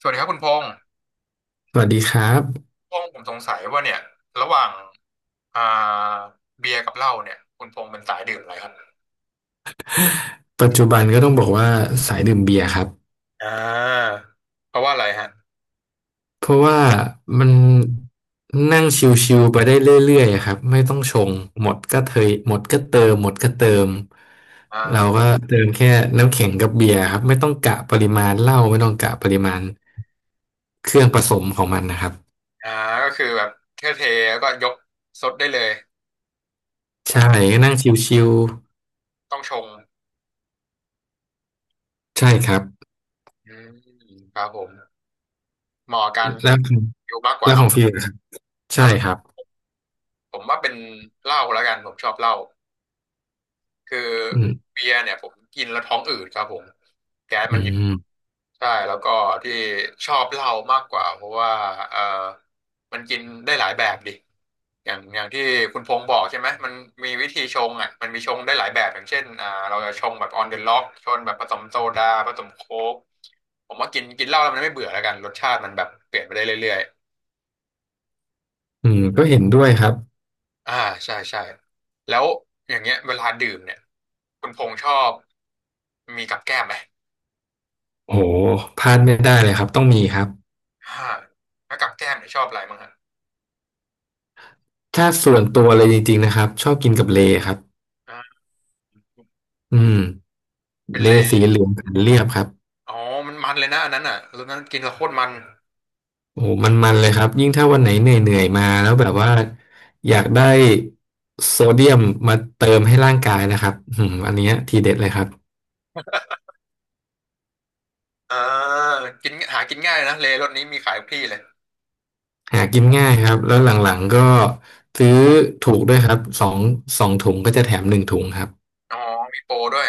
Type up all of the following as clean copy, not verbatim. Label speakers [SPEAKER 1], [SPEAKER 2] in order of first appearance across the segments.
[SPEAKER 1] สวัสดีครับคุณพงษ์
[SPEAKER 2] สวัสดีครับ
[SPEAKER 1] พงษ์ผมสงสัยว่าเนี่ยระหว่างอ่าเบียร์กับเหล้าเนี่ยคุณพงษ์เป็นสายดื่มอะไรครับ
[SPEAKER 2] ปัจจุบันก็ต้องบอกว่าสายดื่มเบียร์ครับ
[SPEAKER 1] อ่าเพราะว่าอะไรฮะ
[SPEAKER 2] เพราะว่ามันนั่งชิวๆไปได้เรื่อยๆอะครับไม่ต้องชงหมดก็เทยหมดก็เติมหมดก็เติมเรา
[SPEAKER 1] อ่า
[SPEAKER 2] ก็เติมแค่น้ำแข็งกับเบียร์ครับไม่ต้องกะปริมาณเหล้าไม่ต้องกะปริมาณเครื่องผสมของมันนะครับ
[SPEAKER 1] อ่าก็คือแบบเทแล้วก็ยกซดได้เลยถ้า
[SPEAKER 2] ใช่
[SPEAKER 1] เป็น
[SPEAKER 2] ก็นั่งชิว
[SPEAKER 1] ต้องชง
[SPEAKER 2] ๆใช่ครับ
[SPEAKER 1] อืมครับผมเหมาะกับการ
[SPEAKER 2] แล้ว
[SPEAKER 1] อยู่มากกว่า
[SPEAKER 2] แล้วข
[SPEAKER 1] เนาะ
[SPEAKER 2] องฟิลล่ะครับ
[SPEAKER 1] เอ
[SPEAKER 2] ใช่ค
[SPEAKER 1] อ
[SPEAKER 2] รับ
[SPEAKER 1] ผมว่าเป็นเหล้าแล้วกันผมชอบเหล้าคือ
[SPEAKER 2] อืม
[SPEAKER 1] เบียร์เนี่ยผมกินแล้วท้องอืดครับผมแก๊ส
[SPEAKER 2] อื
[SPEAKER 1] มันเยอะ
[SPEAKER 2] ม
[SPEAKER 1] ใช่แล้วก็ที่ชอบเหล้ามากกว่าเพราะว่าเออมันกินได้หลายแบบดิอย่างที่คุณพงษ์บอกใช่ไหมมันมีวิธีชงอ่ะมันมีชงได้หลายแบบอย่างเช่นเราจะชงแบบ on the log ชงแบบผสมโซดาผสมโค้กผมว่ากินกินเหล้าแล้วมันไม่เบื่อแล้วกันรสชาติมันแบบเปลี่ยนไปได้เรื่อย
[SPEAKER 2] อืมก็เห็นด้วยครับ
[SPEAKER 1] ๆใช่ใช่แล้วอย่างเงี้ยเวลาดื่มเนี่ยคุณพงษ์ชอบมีกับแก้มไหม
[SPEAKER 2] โอ้โหพลาดไม่ได้เลยครับต้องมีครับ
[SPEAKER 1] อ่าแล้วกับแก้มเนี่ยชอบอะไรบ้างฮะ
[SPEAKER 2] ถ้าส่วนตัวเลยจริงๆนะครับชอบกินกับเลครับ
[SPEAKER 1] อ่า
[SPEAKER 2] อืม
[SPEAKER 1] เป็น
[SPEAKER 2] เล
[SPEAKER 1] เลย
[SPEAKER 2] สีเหลืองขันเรียบครับ
[SPEAKER 1] อ๋อมันมันเลยนะอันนั้นอ่ะรสนั้นกินแล้วโคตรมัน
[SPEAKER 2] โอ้โหมันๆเลยครับยิ่งถ้าวันไหนเหนื่อยๆมาแล้วแบบว่าอยากได้โซเดียมมาเติมให้ร่างกายนะครับอืมอันเนี้ยทีเด็ดเลยครับ
[SPEAKER 1] อ่ากินหากินง่ายนะเลรสนี้มีขายทุกที่เลย
[SPEAKER 2] หากินง่ายครับแล้วหลังๆก็ซื้อถูกด้วยครับสองถุงก็จะแถมหนึ่งถุงครับ
[SPEAKER 1] อ๋อมีโปรด้วย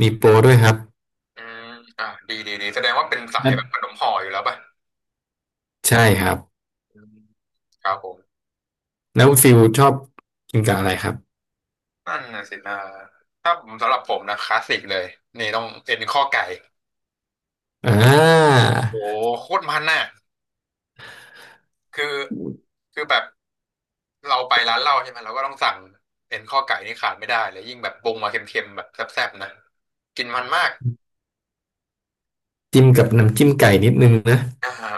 [SPEAKER 2] มีโปรด้วยครับ
[SPEAKER 1] อืมดีดีดีแสดงว่าเป็นสาย
[SPEAKER 2] นั่น
[SPEAKER 1] แบบขนมห่ออยู่แล้วป่ะ
[SPEAKER 2] ใช่ครับ
[SPEAKER 1] อืมครับผม
[SPEAKER 2] แล้วฟิลชอบกินกับอะไรครับ
[SPEAKER 1] นั่นน่ะสินะถ้าผมสำหรับผมนะคลาสสิกเลย นี่ต้องเอ็นข้อไก่
[SPEAKER 2] อ่
[SPEAKER 1] โอ้
[SPEAKER 2] า
[SPEAKER 1] โคตรมันน่ะคือคือแบบเราไปร้านเหล้าใช่ไหมเราก็ต้องสั่งเอ็นข้อไก่นี่ขาดไม่ได้เลยยิ่งแบบปรุงมาเค็มๆแบบแซ่บๆนะกินมันมาก
[SPEAKER 2] จิ้มกับน้ำจิ้มไก่นิดนึงนะ
[SPEAKER 1] อ่าหอ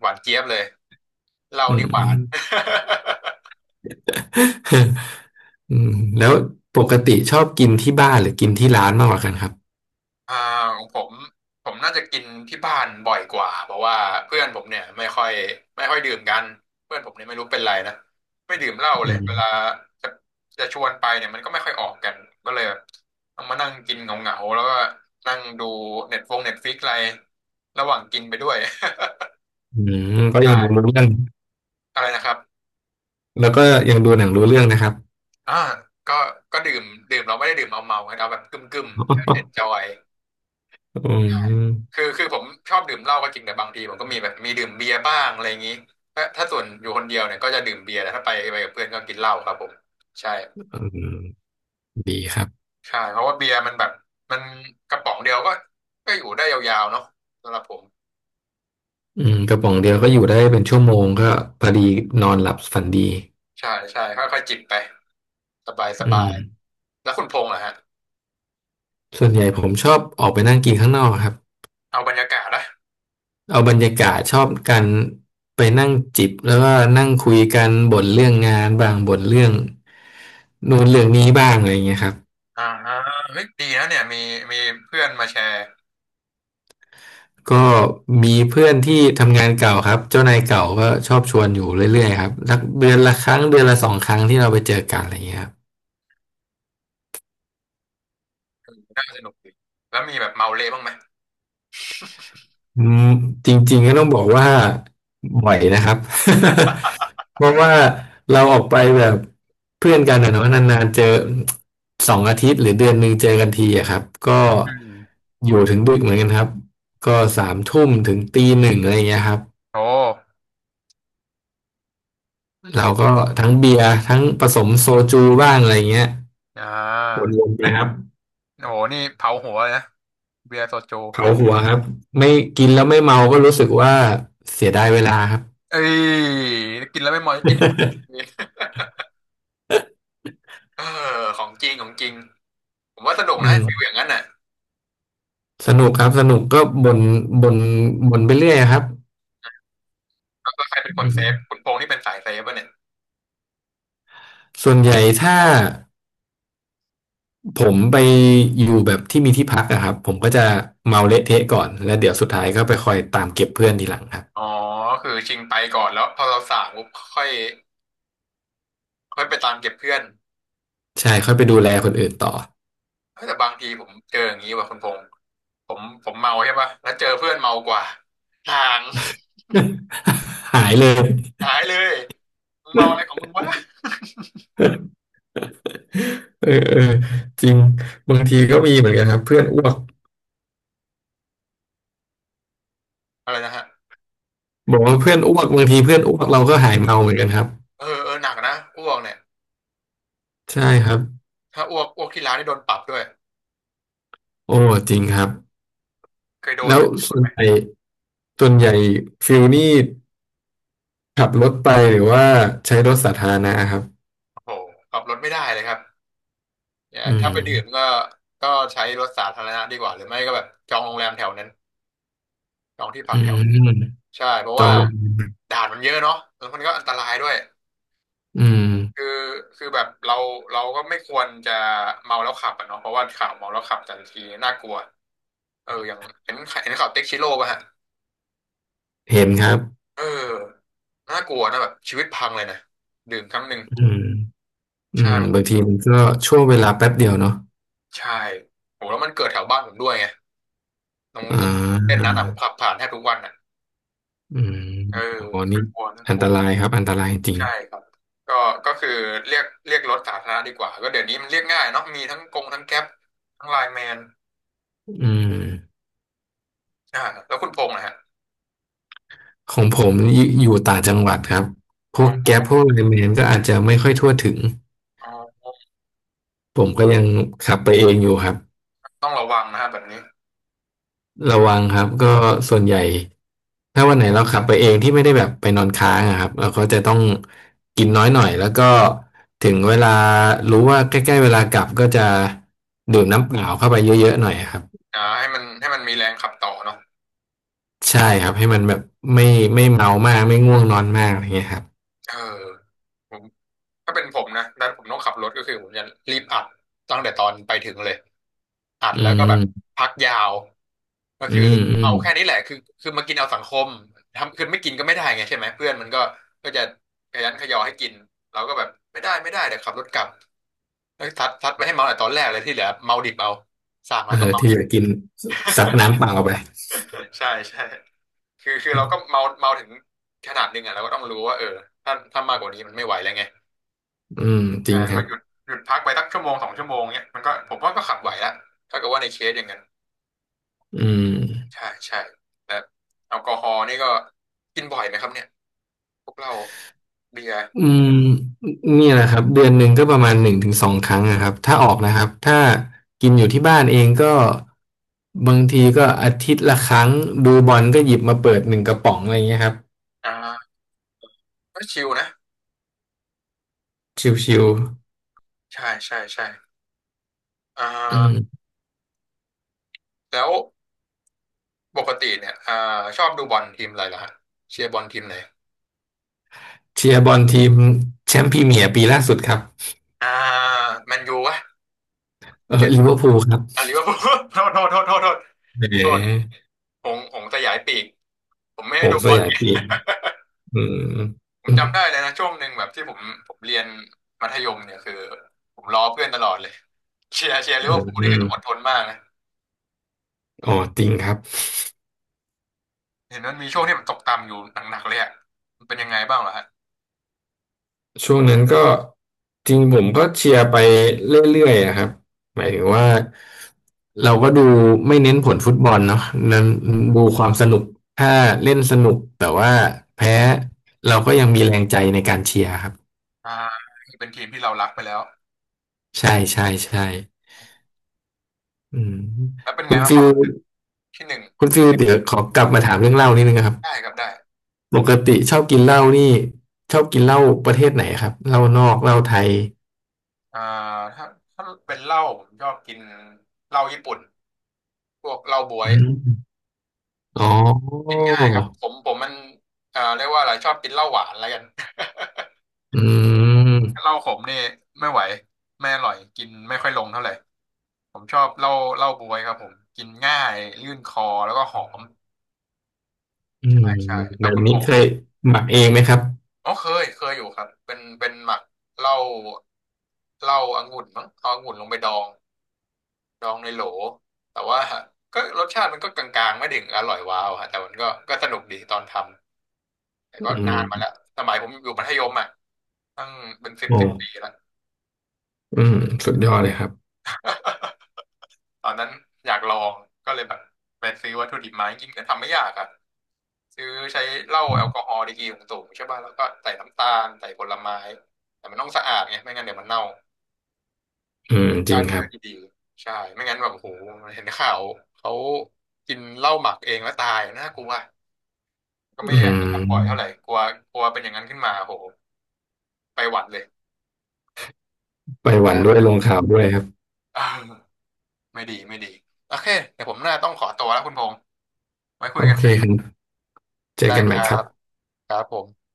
[SPEAKER 1] หวานเจี๊ยบเลย เรา
[SPEAKER 2] อื
[SPEAKER 1] นี่หวาน
[SPEAKER 2] ม อืมแล้วปกติชอบกินที่บ้านหรือกินที่ร้านมากกว่ากันครับ
[SPEAKER 1] อ่าของผมผมน่าจะกินที่บ้านบ่อยกว่าเพราะว่าเพื่อนผมเนี่ยไม่ค่อยดื่มกันเพื่อนผมเนี่ยไม่รู้เป็นไรนะไม่ดื่มเหล้า
[SPEAKER 2] อื
[SPEAKER 1] เลยเวลา
[SPEAKER 2] ม
[SPEAKER 1] จะจะชวนไปเนี่ยมันก็ไม่ค่อยออกกันก็เลยแบบต้องมานั่งกินเหงาๆแล้วก็นั่งดูเน็ตฟงเน็ตฟิกอะไรระหว่างกินไปด้วย
[SPEAKER 2] อืมก็ ยั
[SPEAKER 1] ใช่
[SPEAKER 2] งดูรู้เรื่อง
[SPEAKER 1] อะไรนะครับ
[SPEAKER 2] แล้วก็ยังดูหนังรู้เรื่องนะครับ
[SPEAKER 1] อ่าก็ก็ดื่มดื่มเราไม่ได้ดื่มเมาเมาเอาแบบกึ่มกึ่มเอนจ อย
[SPEAKER 2] อืม
[SPEAKER 1] คือผมชอบดื่มเหล้าก็จริงแต่บางทีผมก็มีแบบมีดื่มเบียร์บ้างอะไรอย่างนี้ถ้าส่วนอยู่คนเดียวเนี่ยก็จะดื่มเบียร์แต่ถ้าไปกับเพื่อนก็กินเหล้าครับผมใช่
[SPEAKER 2] อืมดีครับ
[SPEAKER 1] ใช่เพราะว่าเบียร์มันแบบมันกระป๋องเดียวก็ก็อยู่ได้ยาวๆเนาะสำหรับผม
[SPEAKER 2] อืมกระป๋องเดียวก็อยู่ได้เป็นชั่วโมงก็พอดีนอนหลับฝันดี
[SPEAKER 1] ใช่ใช่ค่อยๆจิบไปสบายส
[SPEAKER 2] อื
[SPEAKER 1] บา
[SPEAKER 2] ม
[SPEAKER 1] ยแล้วคุณพงษ์ล่ะฮะ
[SPEAKER 2] ส่วนใหญ่ผมชอบออกไปนั่งกินข้างนอกครับ
[SPEAKER 1] เอาบรรยากาศนะ
[SPEAKER 2] เอาบรรยากาศชอบกันไปนั่งจิบแล้วก็นั่งคุยกันบ่นเรื่องงานบ้างบ่นเรื่องนู่นเรื่องนี้บ้างอะไรเงี้ยครับ
[SPEAKER 1] อ่าเฮ้ยดีนะเนี่ยมีมีเพื่อนมาแชร์
[SPEAKER 2] ก็มีเพื่อนที่ทำงานเก่าครับเจ้านายเก่าก็ชอบชวนอยู่เรื่อยๆครับสักเดือนละครั้งเดือนละสองครั้งที่เราไปเจอกันอะไรเงี้ยครับ
[SPEAKER 1] น่าสนุกดีแล้วมีแบบเมาเละบ้างไหม
[SPEAKER 2] อืมจริงๆก็ต้องบอกว่าบ่อยนะครับ เพราะว่าเราออกไปแบบเพื่อนกันอะเนาะนานๆเจอสองอาทิตย์หรือเดือนหนึ่งเจอกันทีอะครับก็
[SPEAKER 1] อืม
[SPEAKER 2] อยู่ถึงดึกเหมือนกันครับก็สามทุ่มถึงตีหนึ่งอะไรอย่างเงี้ยครับ
[SPEAKER 1] โอ้
[SPEAKER 2] เราก็ทั้งเบียร์ทั้งผสมโซจูบ้างอะไรอย่างเงี้ย
[SPEAKER 1] อ่
[SPEAKER 2] วน
[SPEAKER 1] า
[SPEAKER 2] ๆนะครับ
[SPEAKER 1] โอ้โหนี่เผาหัวเลยนะเบียร์โซจู
[SPEAKER 2] เผาหัวครับไม่กินแล้วไม่เมาก็รู้สึกว่าเสียดายเวลาครับ
[SPEAKER 1] เอ้ยกินแล้วไม่มอยกิน เออของจริงของจริงผมว่าสนุก
[SPEAKER 2] อื
[SPEAKER 1] นะฟิลอ
[SPEAKER 2] ม
[SPEAKER 1] ย่างนั้นน่ะ
[SPEAKER 2] สนุกครับสนุกก็บ่นบ่นไปเรื่อยครับ
[SPEAKER 1] แล้วก็ใครเป็นค
[SPEAKER 2] อื
[SPEAKER 1] นเซ
[SPEAKER 2] ม
[SPEAKER 1] ฟคุณพงษ์ที่เป็นสายเซฟป่ะเนี่ย
[SPEAKER 2] ส่วนใหญ่ถ้าผมไปอยู่แบบที่มีที่พักอะครับผมก็จะเมาเละเทะก่อนแล้วเดี๋ยวสุดท้ายก็ไปคอยตามเก็บเพื่อนทีหลังครับ
[SPEAKER 1] อ๋อคือชิงไปก่อนแล้วพอเราสั่งปุ๊บค่อยค่อยไปตามเก็บเพื่อน
[SPEAKER 2] ใช่ค่อยไปดูแลคนอื่นต่อ
[SPEAKER 1] เฮ้ยแต่บางทีผมเจออย่างนี้ว่ะคุณพงษ์ผมเมาใช่ป่ะแล้วเจอเพื่อนเมากว่าห่าง
[SPEAKER 2] หายเลย
[SPEAKER 1] หายเลยมึงเมาอะไรของมึงวะ
[SPEAKER 2] เออเออจริงบางทีก็มีเหมือนกันครับเพื่อนอ้วก
[SPEAKER 1] อะไรนะฮะ
[SPEAKER 2] บอกว่าเพื่อนอ้วกบางทีเพื่อนอ้วกเราก็หายเมาเหมือนกันครับ
[SPEAKER 1] เออเออหนักนะอ้วกเนี่ย
[SPEAKER 2] ใช่ครับ
[SPEAKER 1] ถ้าอ้วกที่ร้านนี่โดนปรับด้วย
[SPEAKER 2] โอ้จริงครับ
[SPEAKER 1] เคยโดน
[SPEAKER 2] แล้
[SPEAKER 1] ไห
[SPEAKER 2] ว
[SPEAKER 1] มเคยโด
[SPEAKER 2] ส่
[SPEAKER 1] น
[SPEAKER 2] ว
[SPEAKER 1] ไห
[SPEAKER 2] น
[SPEAKER 1] ม
[SPEAKER 2] ใหญ่ส่วนใหญ่ฟิลนี่ ขับรถไปหรือว่าใช้รถสาธารณะครับ
[SPEAKER 1] โอ้โหขับรถไม่ได้เลยครับ เนี่ย
[SPEAKER 2] อื
[SPEAKER 1] ถ้าไปดื่ม
[SPEAKER 2] ม
[SPEAKER 1] ก็ก็ใช้รถสาธารณะดีกว่าหรือไม่ก็แบบจองโรงแรมแถวนั้นจองที่พั
[SPEAKER 2] อื
[SPEAKER 1] กแถวนั้น
[SPEAKER 2] ม
[SPEAKER 1] ใช่เพราะ
[SPEAKER 2] จอ
[SPEAKER 1] ว่า
[SPEAKER 2] งโรงแรม
[SPEAKER 1] ด่านมันเยอะเนาะแล้วมันก็อันตรายด้วย
[SPEAKER 2] อืม
[SPEAKER 1] คือคือแบบเราก็ไม่ควรจะเมาแล้วขับอะเนาะเพราะว่าข่าวเมาแล้วขับแต่ละทีน่ากลัวเอออย่างเห็นข่าวเต็กชิโร่ป่ะฮะ
[SPEAKER 2] เห็นครับ
[SPEAKER 1] เออน่ากลัวนะแบบชีวิตพังเลยนะดื่มครั้งหนึ่ง
[SPEAKER 2] อืมอื
[SPEAKER 1] ใช่
[SPEAKER 2] มบางทีมันก็ช่วงเวลาแป๊บเดียวเนาะ
[SPEAKER 1] ใช่โหแล้วมันเกิดแถวบ้านผมด้วยไงตรง
[SPEAKER 2] อ่
[SPEAKER 1] ตรงเต้น
[SPEAKER 2] า
[SPEAKER 1] นั้นอ่ะผมขับผ่านแทบทุกวันอ่ะ
[SPEAKER 2] อืม
[SPEAKER 1] เออ
[SPEAKER 2] โอ้โหนี่
[SPEAKER 1] น่ากลัวน่า
[SPEAKER 2] อั
[SPEAKER 1] ก
[SPEAKER 2] น
[SPEAKER 1] ลั
[SPEAKER 2] ต
[SPEAKER 1] ว
[SPEAKER 2] รายครับอันตรายจริง
[SPEAKER 1] ใช่ครับก็ก็คือเรียกรถสาธารณะดีกว่าก็เดี๋ยวนี้มันเรียกง่ายเนาะมีทั้งกงทั้งแก๊ปทั้งไลน์แมน
[SPEAKER 2] อืม
[SPEAKER 1] อ่าแล้วคุณพงษ์นะฮะ
[SPEAKER 2] ของผมอยู่ต่างจังหวัดครับพว
[SPEAKER 1] เนา
[SPEAKER 2] ก
[SPEAKER 1] ะ
[SPEAKER 2] แก๊ปพวกไลน์แมนก็อาจจะไม่ค่อยทั่วถึง
[SPEAKER 1] อ๋อ
[SPEAKER 2] ผมก็ยังขับไปเองอยู่ครับ
[SPEAKER 1] ต้องระวังนะฮะแบบนี้
[SPEAKER 2] ระวังครับก็ส่วนใหญ่ถ้าวันไหนเราขับไปเองที่ไม่ได้แบบไปนอนค้างอะครับเราก็จะต้องกินน้อยหน่อยแล้วก็ถึงเวลารู้ว่าใกล้ๆเวลากลับก็จะดื่มน้ำเปล่าเข้าไปเยอะๆหน่อยครับ
[SPEAKER 1] ให้มันมีแรงขับต่อเนาะ
[SPEAKER 2] ใช่ครับให้มันแบบไม่ไม่เมามากไม่ง่วงนอนมากอะไรเงี้ยครับ
[SPEAKER 1] เออ ถ้าเป็นผมนะถ้าผมต้องขับรถก็คือผมจะรีบอัดตั้งแต่ตอนไปถึงเลยอัด
[SPEAKER 2] อื
[SPEAKER 1] แล้วก็แบบ
[SPEAKER 2] ม
[SPEAKER 1] พักยาวก็
[SPEAKER 2] อื
[SPEAKER 1] คือ
[SPEAKER 2] มอื
[SPEAKER 1] เอา
[SPEAKER 2] ม
[SPEAKER 1] แค่นี้แหละคือมากินเอาสังคมทำคือไม่กินก็ไม่ได้ไงใช่ไหมเพื่อนมันก็จะขยันขยอให้กินเราก็แบบไม่ได้ไม่ได้เดี๋ยวขับรถกลับแล้วทัดไปให้เมาแต่ตอนแรกเลยที่เหลือเมาดิบเอาสั่งแล้
[SPEAKER 2] เอ
[SPEAKER 1] วก็
[SPEAKER 2] อ
[SPEAKER 1] เมา
[SPEAKER 2] ที่
[SPEAKER 1] ดิ
[SPEAKER 2] เหลื
[SPEAKER 1] บ
[SPEAKER 2] อกินซัดน้ำเปล่าไป
[SPEAKER 1] ใช่ใช่คือเราก็เมาเมาถึงขนาดหนึงอ่ะเราก็ต้องรู้ว่าเออถ้ามากกว่านี้มันไม่ไหวแล้วไง
[SPEAKER 2] อืมจริงครั
[SPEAKER 1] ก็
[SPEAKER 2] บ
[SPEAKER 1] หยุดพักไปสักชั่วโมงสองชั่วโมงเนี้ยมันก็ผมว่าก็ขับไหวละถ้าเกิดว่าในเคสอย่างนั้น
[SPEAKER 2] อืม
[SPEAKER 1] ใช่ใช่แล้วแอลกอฮอล์นี่ก็กินบ่อยไหมครับเนี่ยพวกเราเบียร์
[SPEAKER 2] อืมเนี่ยแหละครับเดือนหนึ่งก็ประมาณหนึ่งถึงสองครั้งนะครับถ้าออกนะครับถ้ากินอยู่ที่บ้านเองก็บางทีก็อาทิตย์ละครั้งดูบอลก็หยิบมาเปิดหนึ่งกระป๋องอะไรเงี้ยครับ
[SPEAKER 1] อ่าก็ชิลนะ
[SPEAKER 2] ชิว
[SPEAKER 1] ใช่ใช่ใช่อ่
[SPEAKER 2] ๆอืม
[SPEAKER 1] าแล้วปกติเนี่ยชอบดูบอลทีมอะไรเหรอฮะเชียร์บอลทีมไหน
[SPEAKER 2] เชียร์บอลทีมแชมป์พรีเมียร์ปีล่าสุดครับ
[SPEAKER 1] อ่าแมนยูวะ
[SPEAKER 2] เออ
[SPEAKER 1] เดี๋ยว
[SPEAKER 2] ลิเวอร์พูลครับ
[SPEAKER 1] ลิเวอร์พูลโทษโทษโทษโทษโทษ
[SPEAKER 2] แห
[SPEAKER 1] โทษ
[SPEAKER 2] ม
[SPEAKER 1] หงสยายปีกผมไม่
[SPEAKER 2] โห
[SPEAKER 1] ได้ดู
[SPEAKER 2] ส
[SPEAKER 1] บอล
[SPEAKER 2] ยายปีกอืม
[SPEAKER 1] ผม
[SPEAKER 2] อื
[SPEAKER 1] จำได้เลยนะช่วงหนึ่งแบบที่ผมเรียนมัธยมเนี่ยคือผมล้อเพื่อนตลอดเลยเชียร์ลิ
[SPEAKER 2] ม
[SPEAKER 1] เวอร์พูล
[SPEAKER 2] อื
[SPEAKER 1] นี่คื
[SPEAKER 2] ม
[SPEAKER 1] อต้องอดทนมากนะ
[SPEAKER 2] อ๋อจริงครับ
[SPEAKER 1] เห็นมันมีช่วงที่มันตกต่ำอยู่หนักๆเลยอะมันเป็นยังไงบ้างเหรอฮะ
[SPEAKER 2] ช่วงนั้นก็จริงผมก็เชียร์ไปเรื่อยๆอะครับหมายถึงว่าเราก็ดูไม่เน้นผลฟุตบอลเนาะนั้นดูความสนุกถ้าเล่นสนุกแต่ว่าแพ้เราก็ยังมีแรงใจในการเชียร์ครับ
[SPEAKER 1] อ่าเป็นทีมที่เรารักไปแล้ว
[SPEAKER 2] ใช่ใช่ใช่อืม
[SPEAKER 1] แล้วเป็น
[SPEAKER 2] คุ
[SPEAKER 1] ไง
[SPEAKER 2] ณ
[SPEAKER 1] บ้าง
[SPEAKER 2] ฟิ
[SPEAKER 1] ความ
[SPEAKER 2] ล
[SPEAKER 1] ที่หนึ่ง
[SPEAKER 2] คุณฟิลเดี๋ยวขอกลับมาถามเรื่องเหล้านิดนึงนะครับ
[SPEAKER 1] ได้ครับได้
[SPEAKER 2] ปกติชอบกินเหล้านี่ชอบกินเหล้าประเทศไหนครับเหล้านอกเหล้าไทย
[SPEAKER 1] อ่าถ้าถ้าเป็นเหล้าผมชอบกินเหล้าญี่ปุ่นพวกเหล้าบ๊ว
[SPEAKER 2] อื
[SPEAKER 1] ย
[SPEAKER 2] มอ๋อ
[SPEAKER 1] กินง่ายครับผมมันเรียกว่าอะไรชอบกินเหล้าหวานแล้วกัน
[SPEAKER 2] อืม
[SPEAKER 1] เหล้าขมนี่ไม่ไหวไม่อร่อยกินไม่ค่อยลงเท่าไหร่ ผมชอบเหล้าบ๊วยครับผมกินง่ายลื่นคอแล้วก็หอม
[SPEAKER 2] อืม
[SPEAKER 1] ใช่ใช่แล้
[SPEAKER 2] แบ
[SPEAKER 1] ว
[SPEAKER 2] บ
[SPEAKER 1] คุณพ
[SPEAKER 2] นี้
[SPEAKER 1] ง
[SPEAKER 2] เค
[SPEAKER 1] ษ์ะ
[SPEAKER 2] ย
[SPEAKER 1] ฮะ
[SPEAKER 2] หมักเองไหมครับ
[SPEAKER 1] อ๋อเคยอยู่ครับเป็นหมักเหล้าเหล้าองุ่นมั้งเอาองุ่นลงไปดองดองในโหลแต่ว่า ก็รสชาติมันก็กลางๆไม่ถึงอร่อยว้าวฮะแต่มันก็สนุกดีตอนทำแต่ก็
[SPEAKER 2] อื
[SPEAKER 1] นา
[SPEAKER 2] ม
[SPEAKER 1] นมาแล้วสมัยผมอยู่มัธยมอ่ะตั้งเป็นสิบ
[SPEAKER 2] โอ้
[SPEAKER 1] สิบปีแล้ว
[SPEAKER 2] อืม สุดยอดเลยครับ
[SPEAKER 1] ตอนนั้นอยากลองก็เลยแบบไปซื้อวัตถุดิบมาจริงๆก็ทำไม่ยากอ่ะซื้อใช้เหล้าแอลกอฮอล์ดีกรีสูงๆใช่ป่ะแล้วก็ใส่น้ำตาลใส่ผลไม้แต่มันต้องสะอาดไงไม่งั้นเดี๋ยวมันเน่า
[SPEAKER 2] อืม จ
[SPEAKER 1] ฆ่า
[SPEAKER 2] ริงครั
[SPEAKER 1] เชื้อ
[SPEAKER 2] บ
[SPEAKER 1] ที่ดีใช่ไม่งั้นแบบโอ้โหเห็นข่าวเขากินเหล้าหมักเองแล้วตายน่ากลัวก็ไม่
[SPEAKER 2] อื
[SPEAKER 1] อยากจะทำบ่อยเท่าไห
[SPEAKER 2] ม
[SPEAKER 1] ร่กลัวกลัวเป็นอย่างนั้นขึ้นมาโอ้โหไปหวัดเลย
[SPEAKER 2] ไปห
[SPEAKER 1] น
[SPEAKER 2] วันด้วยลง
[SPEAKER 1] ะ
[SPEAKER 2] ข่าวด้วยครับ
[SPEAKER 1] เออไม่ดีไม่ดีโอเคเดี๋ยวผมน่าต้องขอตัวแล้วคุณพงษ์ไว้คุ
[SPEAKER 2] โอ
[SPEAKER 1] ยกัน
[SPEAKER 2] เค
[SPEAKER 1] ใหม่
[SPEAKER 2] ครับเจอ
[SPEAKER 1] ได้
[SPEAKER 2] กัน
[SPEAKER 1] ค
[SPEAKER 2] ใหม่
[SPEAKER 1] รั
[SPEAKER 2] ครั
[SPEAKER 1] บ
[SPEAKER 2] บ
[SPEAKER 1] ครับผม